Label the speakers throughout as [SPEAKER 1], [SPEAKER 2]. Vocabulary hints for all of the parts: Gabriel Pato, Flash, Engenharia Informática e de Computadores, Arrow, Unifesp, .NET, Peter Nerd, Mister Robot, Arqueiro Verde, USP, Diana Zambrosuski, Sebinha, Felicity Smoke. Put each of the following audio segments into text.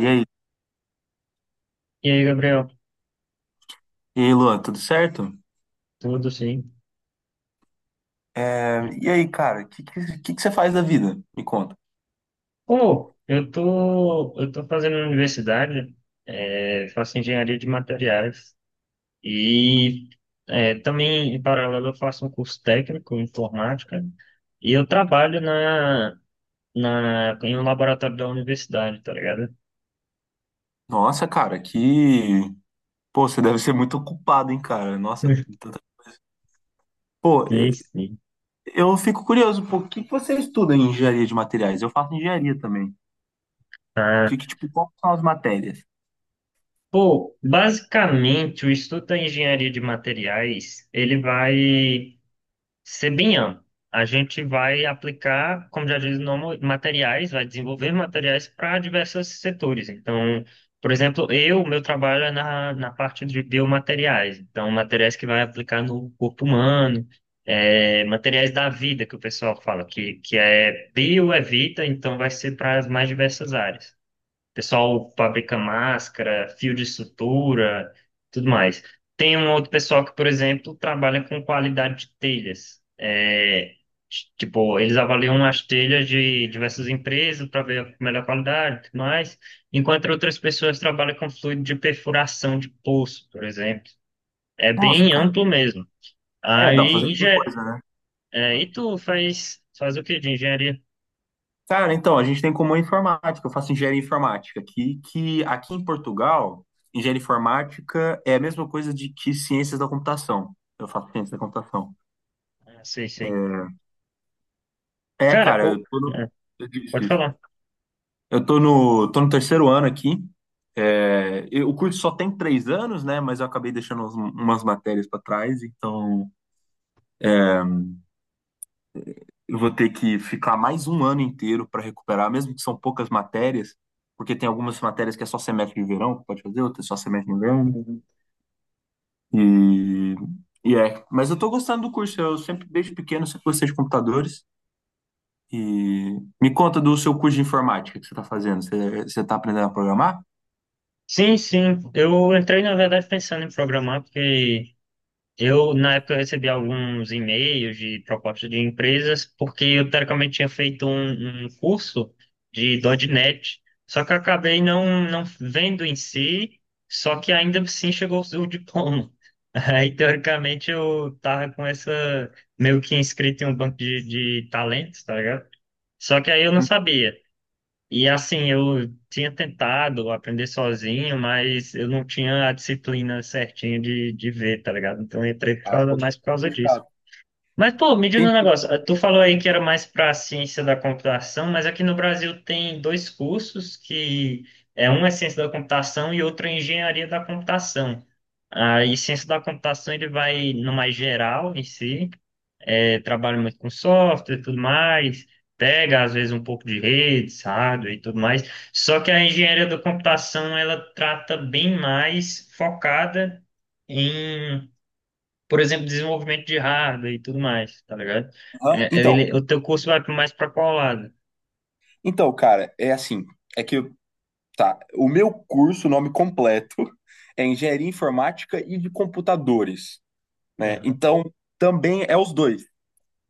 [SPEAKER 1] E aí,
[SPEAKER 2] E aí, Gabriel?
[SPEAKER 1] e aí, Luan, tudo certo?
[SPEAKER 2] Tudo sim.
[SPEAKER 1] É, e aí, cara, o que que você faz da vida? Me conta.
[SPEAKER 2] Pô, eu tô fazendo na universidade, faço engenharia de materiais e também, em paralelo, eu faço um curso técnico em informática e eu trabalho em um laboratório da universidade, tá ligado?
[SPEAKER 1] Nossa, cara, que. Pô, você deve ser muito ocupado, hein, cara? Nossa. tanta- Pô,
[SPEAKER 2] Sim, sim.
[SPEAKER 1] eu fico curioso, pô, o que que você estuda em engenharia de materiais? Eu faço engenharia também.
[SPEAKER 2] Ah,
[SPEAKER 1] Que, tipo, quais são as matérias?
[SPEAKER 2] pô, basicamente, o estudo da engenharia de materiais, ele vai Sebinha, a gente vai aplicar, como já diz o nome, materiais, vai desenvolver materiais para diversos setores. Então, por exemplo, eu, meu trabalho é na parte de biomateriais. Então, materiais que vai aplicar no corpo humano, materiais da vida, que o pessoal fala, que é bio é vida, então vai ser para as mais diversas áreas. Pessoal fabrica máscara, fio de sutura, tudo mais. Tem um outro pessoal que, por exemplo, trabalha com qualidade de telhas. É, tipo, eles avaliam as telhas de diversas empresas para ver a melhor qualidade e tudo mais, enquanto outras pessoas trabalham com fluido de perfuração de poço, por exemplo. É
[SPEAKER 1] Nossa,
[SPEAKER 2] bem
[SPEAKER 1] cara.
[SPEAKER 2] amplo mesmo.
[SPEAKER 1] É, dá pra
[SPEAKER 2] Aí,
[SPEAKER 1] fazer muita
[SPEAKER 2] engen...
[SPEAKER 1] coisa, né?
[SPEAKER 2] é, e tu faz o que de engenharia?
[SPEAKER 1] Cara, então, a gente tem como informática, eu faço engenharia informática, que aqui em Portugal, engenharia informática é a mesma coisa de que ciências da computação. Eu faço ciências da computação.
[SPEAKER 2] Ah, sei, sei.
[SPEAKER 1] É,
[SPEAKER 2] Cara,
[SPEAKER 1] cara,
[SPEAKER 2] o-
[SPEAKER 1] eu tô no,
[SPEAKER 2] é,
[SPEAKER 1] isso,
[SPEAKER 2] Pode
[SPEAKER 1] isso.
[SPEAKER 2] falar.
[SPEAKER 1] eu tô no terceiro ano aqui. É, o curso só tem três anos, né? Mas eu acabei deixando umas matérias para trás, então eu vou ter que ficar mais um ano inteiro para recuperar, mesmo que são poucas matérias, porque tem algumas matérias que é só semestre de verão, que pode fazer, outras é só semestre de inverno. E, mas eu tô gostando do curso. Eu sempre, desde pequeno, sempre gostei de computadores. E me conta do seu curso de informática que você está fazendo. Você tá aprendendo a programar?
[SPEAKER 2] Sim, sim. Eu entrei, na verdade, pensando em programar, porque eu, na época, eu recebi alguns e-mails de propostas de empresas, porque eu, teoricamente, tinha feito um curso de .NET, só que eu acabei não vendo em si, só que ainda assim chegou o diploma. Aí, teoricamente, eu tava com essa, meio que inscrito em um banco de talentos, tá ligado? Só que aí eu não sabia. E assim, eu tinha tentado aprender sozinho, mas eu não tinha a disciplina certinha de ver, tá ligado? Então eu entrei por
[SPEAKER 1] Ah, um
[SPEAKER 2] causa-
[SPEAKER 1] pouco
[SPEAKER 2] mais por causa disso.
[SPEAKER 1] chato.
[SPEAKER 2] Mas, pô, me diz um negócio.
[SPEAKER 1] Entendi.
[SPEAKER 2] Tu falou aí que era mais para ciência da computação, mas aqui no Brasil tem dois cursos que é um é ciência da computação e outro é engenharia da computação. Aí, ciência da computação ele vai no mais geral em si trabalha muito com software e tudo mais, pega às vezes um pouco de redes hardware e tudo mais. Só que a engenharia da computação ela trata bem mais focada em, por exemplo, desenvolvimento de hardware e tudo mais, tá ligado?
[SPEAKER 1] Aham. Então,
[SPEAKER 2] Ele- o teu curso vai mais para qual lado?
[SPEAKER 1] então, cara, é assim, é que, tá, o meu curso, o nome completo, é Engenharia Informática e de Computadores, né?
[SPEAKER 2] Aham,
[SPEAKER 1] Então, também é os dois,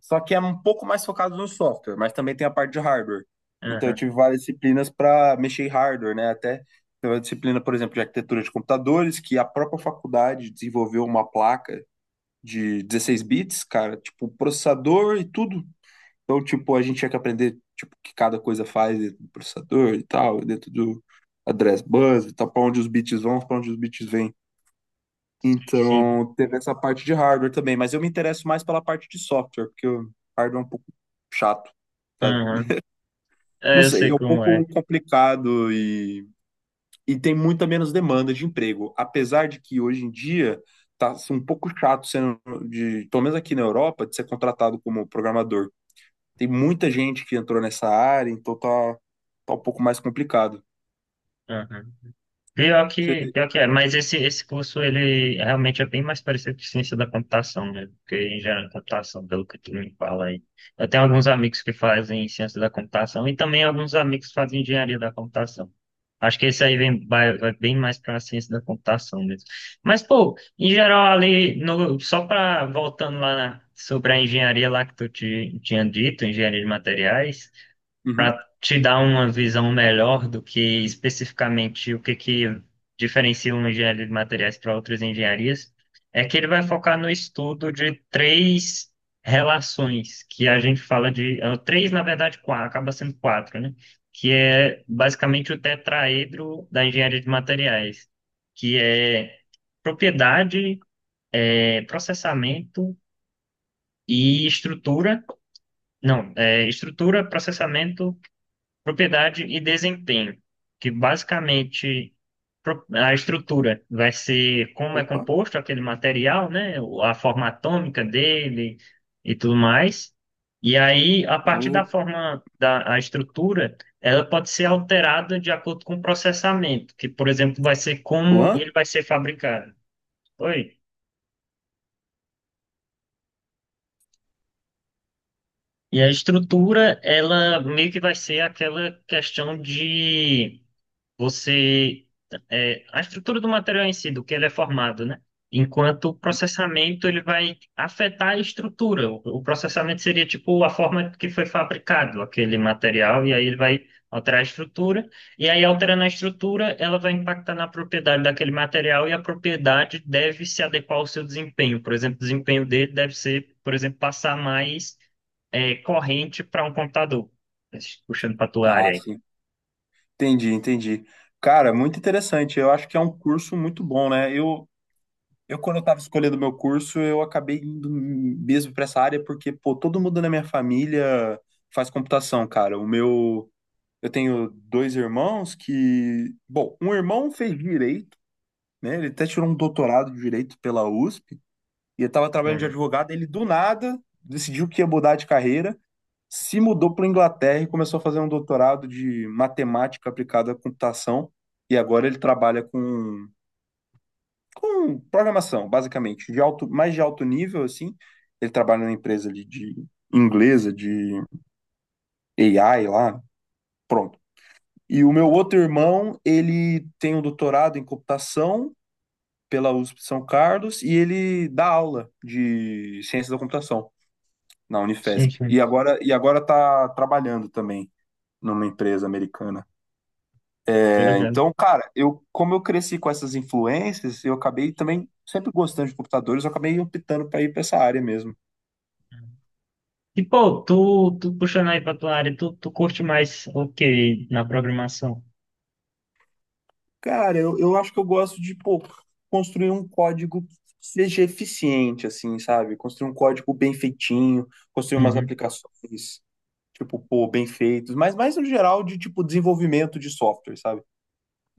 [SPEAKER 1] só que é um pouco mais focado no software, mas também tem a parte de hardware. Então, eu
[SPEAKER 2] aham,
[SPEAKER 1] tive várias disciplinas para mexer em hardware, né? Até teve a disciplina, por exemplo, de arquitetura de computadores, que a própria faculdade desenvolveu uma placa de 16 bits, cara, tipo processador e tudo. Então, tipo, a gente tinha que aprender, tipo, o que cada coisa faz dentro do processador e tal, dentro do address bus e tal, para onde os bits vão, para onde os bits vêm.
[SPEAKER 2] Sim.
[SPEAKER 1] Então, teve essa parte de hardware também, mas eu me interesso mais pela parte de software, porque o hardware é um pouco chato, sabe?
[SPEAKER 2] Aham.
[SPEAKER 1] Não
[SPEAKER 2] É, eu
[SPEAKER 1] sei,
[SPEAKER 2] sei
[SPEAKER 1] é um
[SPEAKER 2] como é.
[SPEAKER 1] pouco complicado e tem muita menos demanda de emprego, apesar de que hoje em dia tá assim, um pouco chato sendo de, pelo menos aqui na Europa, de ser contratado como programador. Tem muita gente que entrou nessa área, então tá um pouco mais complicado.
[SPEAKER 2] Aham. Pior
[SPEAKER 1] Você
[SPEAKER 2] que,
[SPEAKER 1] vê.
[SPEAKER 2] pior que é, mas esse curso ele realmente é bem mais parecido com ciência da computação, né? Porque engenharia da computação, pelo que tu me fala aí. Eu tenho alguns amigos que fazem ciência da computação e também alguns amigos que fazem engenharia da computação. Acho que esse aí vem, vai bem mais para a ciência da computação mesmo. Mas, pô, em geral, ali, no, só para voltando lá na- sobre a engenharia lá que tu te, tinha dito, engenharia de materiais para
[SPEAKER 1] Uhum.
[SPEAKER 2] te dar uma visão melhor do que especificamente o que que diferencia uma engenharia de materiais para outras engenharias, é que ele vai focar no estudo de três relações que a gente fala de três, na verdade, quatro, acaba sendo quatro, né? Que é basicamente o tetraedro da engenharia de materiais, que é propriedade, processamento e estrutura. Não, é, estrutura, processamento. Propriedade e desempenho, que basicamente pro- a estrutura vai ser como é
[SPEAKER 1] Opa.
[SPEAKER 2] composto aquele material, né? O- A forma atômica dele e tudo mais. E aí, a partir da
[SPEAKER 1] O
[SPEAKER 2] forma da a estrutura, ela pode ser alterada de acordo com o processamento, que, por exemplo, vai ser como ele
[SPEAKER 1] Luan?
[SPEAKER 2] vai ser fabricado. Oi. E a estrutura, ela meio que vai ser aquela questão de você é, a estrutura do material em si, do que ele é formado, né? Enquanto o processamento ele vai afetar a estrutura. O processamento seria tipo a forma que foi fabricado aquele material e aí ele vai alterar a estrutura e aí alterando a estrutura ela vai impactar na propriedade daquele material e a propriedade deve se adequar ao seu desempenho. Por exemplo, o desempenho dele deve ser, por exemplo, passar mais corrente para um computador. Puxando para a tua
[SPEAKER 1] Ah,
[SPEAKER 2] área aí.
[SPEAKER 1] sim. Entendi, entendi. Cara, muito interessante. Eu acho que é um curso muito bom, né? Eu quando eu estava escolhendo meu curso, eu acabei indo mesmo para essa área porque, pô, todo mundo na minha família faz computação, cara. Eu tenho dois irmãos que, bom, um irmão fez direito, né? Ele até tirou um doutorado de direito pela USP. E eu estava trabalhando de advogado, ele do nada decidiu que ia mudar de carreira, se mudou para Inglaterra e começou a fazer um doutorado de matemática aplicada à computação. E agora ele trabalha com programação, basicamente, de alto, mais de alto nível, assim. Ele trabalha numa empresa ali de inglesa, de AI lá, pronto. E o meu outro irmão, ele tem um doutorado em computação pela USP de São Carlos e ele dá aula de ciência da computação na Unifesp.
[SPEAKER 2] Uhum.
[SPEAKER 1] E agora tá trabalhando também numa empresa americana.
[SPEAKER 2] Tô
[SPEAKER 1] É,
[SPEAKER 2] ligado.
[SPEAKER 1] então, cara, eu como eu cresci com essas influências, eu acabei também sempre gostando de computadores, eu acabei optando para ir para essa área mesmo.
[SPEAKER 2] E, pô, tu puxando aí pra tua área, tu curte mais o que na programação?
[SPEAKER 1] Cara, eu acho que eu gosto de, pô, construir um código que seja eficiente, assim, sabe? Construir um código bem feitinho, construir umas
[SPEAKER 2] Uhum.
[SPEAKER 1] aplicações, tipo, pô, bem feitos, mas mais no geral de, tipo, desenvolvimento de software, sabe?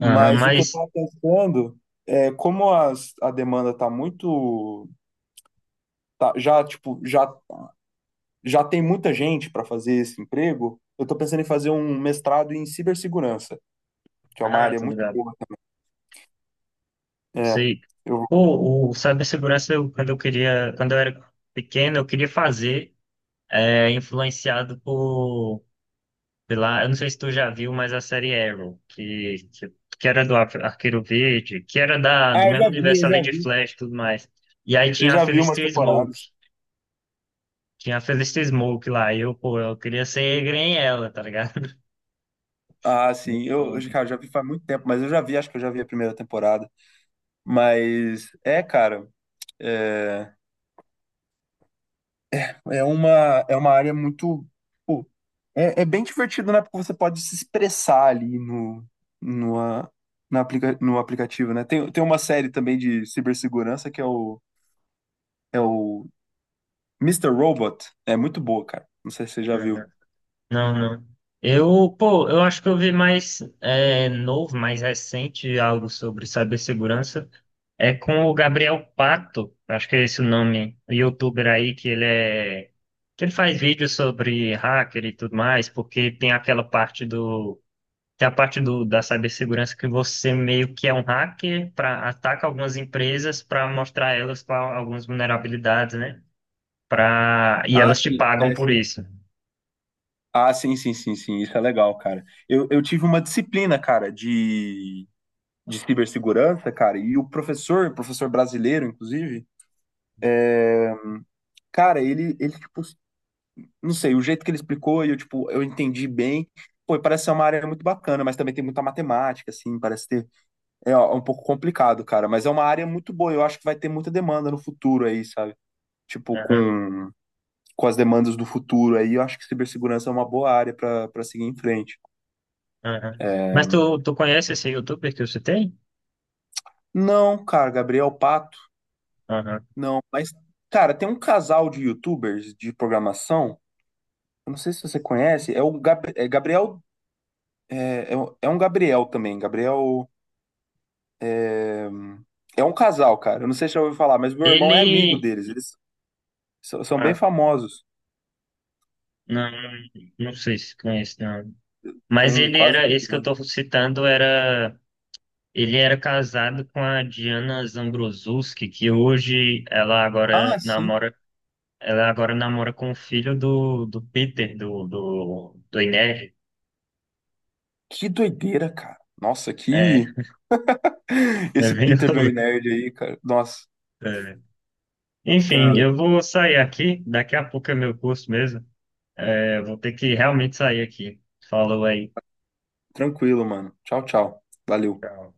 [SPEAKER 2] Aham,
[SPEAKER 1] o que eu
[SPEAKER 2] mas.
[SPEAKER 1] estava pensando é como a demanda está muito, já tipo, já tem muita gente para fazer esse emprego. Eu estou pensando em fazer um mestrado em cibersegurança, que é uma
[SPEAKER 2] Ah,
[SPEAKER 1] área
[SPEAKER 2] tô
[SPEAKER 1] muito
[SPEAKER 2] ligado.
[SPEAKER 1] boa. É,
[SPEAKER 2] Sei.
[SPEAKER 1] eu,
[SPEAKER 2] Pô, o cibersegurança, eu, quando eu queria, quando eu era pequeno, eu queria fazer, influenciado por, pela, eu não sei se tu já viu, mas a série Arrow, que era do Ar- Arqueiro Verde, que era da,
[SPEAKER 1] ah,
[SPEAKER 2] do mesmo universo ali de Flash e tudo mais. E aí
[SPEAKER 1] eu
[SPEAKER 2] tinha a
[SPEAKER 1] já vi umas
[SPEAKER 2] Felicity Smoke.
[SPEAKER 1] temporadas.
[SPEAKER 2] Tinha a Felicity Smoke lá. E eu, pô, eu queria ser grem ela, tá ligado?
[SPEAKER 1] Ah, sim,
[SPEAKER 2] Muito
[SPEAKER 1] eu,
[SPEAKER 2] foda.
[SPEAKER 1] cara, já vi faz muito tempo, mas eu já vi, acho que eu já vi a primeira temporada. Mas é, cara. É uma, é uma área muito. Pô, é, é bem divertido, né? Porque você pode se expressar ali no, ah, no aplicativo, né? Tem uma série também de cibersegurança que é é o Mister Robot. É muito boa, cara. Não sei se você já viu.
[SPEAKER 2] Uhum. Não, não. Eu, pô, eu acho que eu vi mais é, novo, mais recente, algo sobre cibersegurança. É com o Gabriel Pato, acho que é esse o nome, o youtuber aí, que ele é. Que ele faz vídeos sobre hacker e tudo mais, porque tem aquela parte do Tem a parte da cibersegurança que você meio que é um hacker para ataca algumas empresas para mostrar elas qual, algumas vulnerabilidades, né? Pra, e
[SPEAKER 1] Ah,
[SPEAKER 2] elas te
[SPEAKER 1] sim,
[SPEAKER 2] pagam
[SPEAKER 1] é,
[SPEAKER 2] por
[SPEAKER 1] sim.
[SPEAKER 2] isso.
[SPEAKER 1] Ah, sim, sim, sim, sim. Isso é legal, cara. Eu tive uma disciplina, cara, de cibersegurança, cara, e o professor, professor brasileiro, inclusive, cara, ele, tipo, não sei, o jeito que ele explicou e eu, tipo, eu entendi bem. Pô, e parece ser uma área muito bacana, mas também tem muita matemática, assim, parece ter. É ó, um pouco complicado, cara, mas é uma área muito boa. Eu acho que vai ter muita demanda no futuro aí, sabe? Tipo,
[SPEAKER 2] Aham,
[SPEAKER 1] com as demandas do futuro aí, eu acho que cibersegurança é uma boa área pra para seguir em frente.
[SPEAKER 2] aham. Mas tu conhece esse youtuber que eu citei?
[SPEAKER 1] Não, cara, Gabriel Pato,
[SPEAKER 2] Aham.
[SPEAKER 1] não. Mas, cara, tem um casal de YouTubers de programação, eu não sei se você conhece, é é Gabriel. É um Gabriel também, Gabriel. É é um casal, cara. Eu não sei se já ouviu falar, mas meu irmão é amigo
[SPEAKER 2] Ele.
[SPEAKER 1] deles. Eles são bem
[SPEAKER 2] Ah,
[SPEAKER 1] famosos.
[SPEAKER 2] não, não sei se conhece, não. Mas
[SPEAKER 1] Tem
[SPEAKER 2] ele
[SPEAKER 1] quase um
[SPEAKER 2] era. Esse que eu
[SPEAKER 1] milhão.
[SPEAKER 2] tô citando era. Ele era casado com a Diana Zambrosuski, que hoje ela
[SPEAKER 1] Ah,
[SPEAKER 2] agora
[SPEAKER 1] sim.
[SPEAKER 2] namora. Ela agora namora com o filho do Peter, do Inez.
[SPEAKER 1] Que doideira, cara. Nossa,
[SPEAKER 2] É,
[SPEAKER 1] que.
[SPEAKER 2] é
[SPEAKER 1] Esse
[SPEAKER 2] bem
[SPEAKER 1] Peter
[SPEAKER 2] louco.
[SPEAKER 1] Nerd aí, cara. Nossa,
[SPEAKER 2] É. Enfim,
[SPEAKER 1] cara.
[SPEAKER 2] eu vou sair aqui. Daqui a pouco é meu curso mesmo. É, eu vou ter que realmente sair aqui. Falou aí.
[SPEAKER 1] Tranquilo, mano. Tchau, tchau. Valeu.
[SPEAKER 2] Tchau.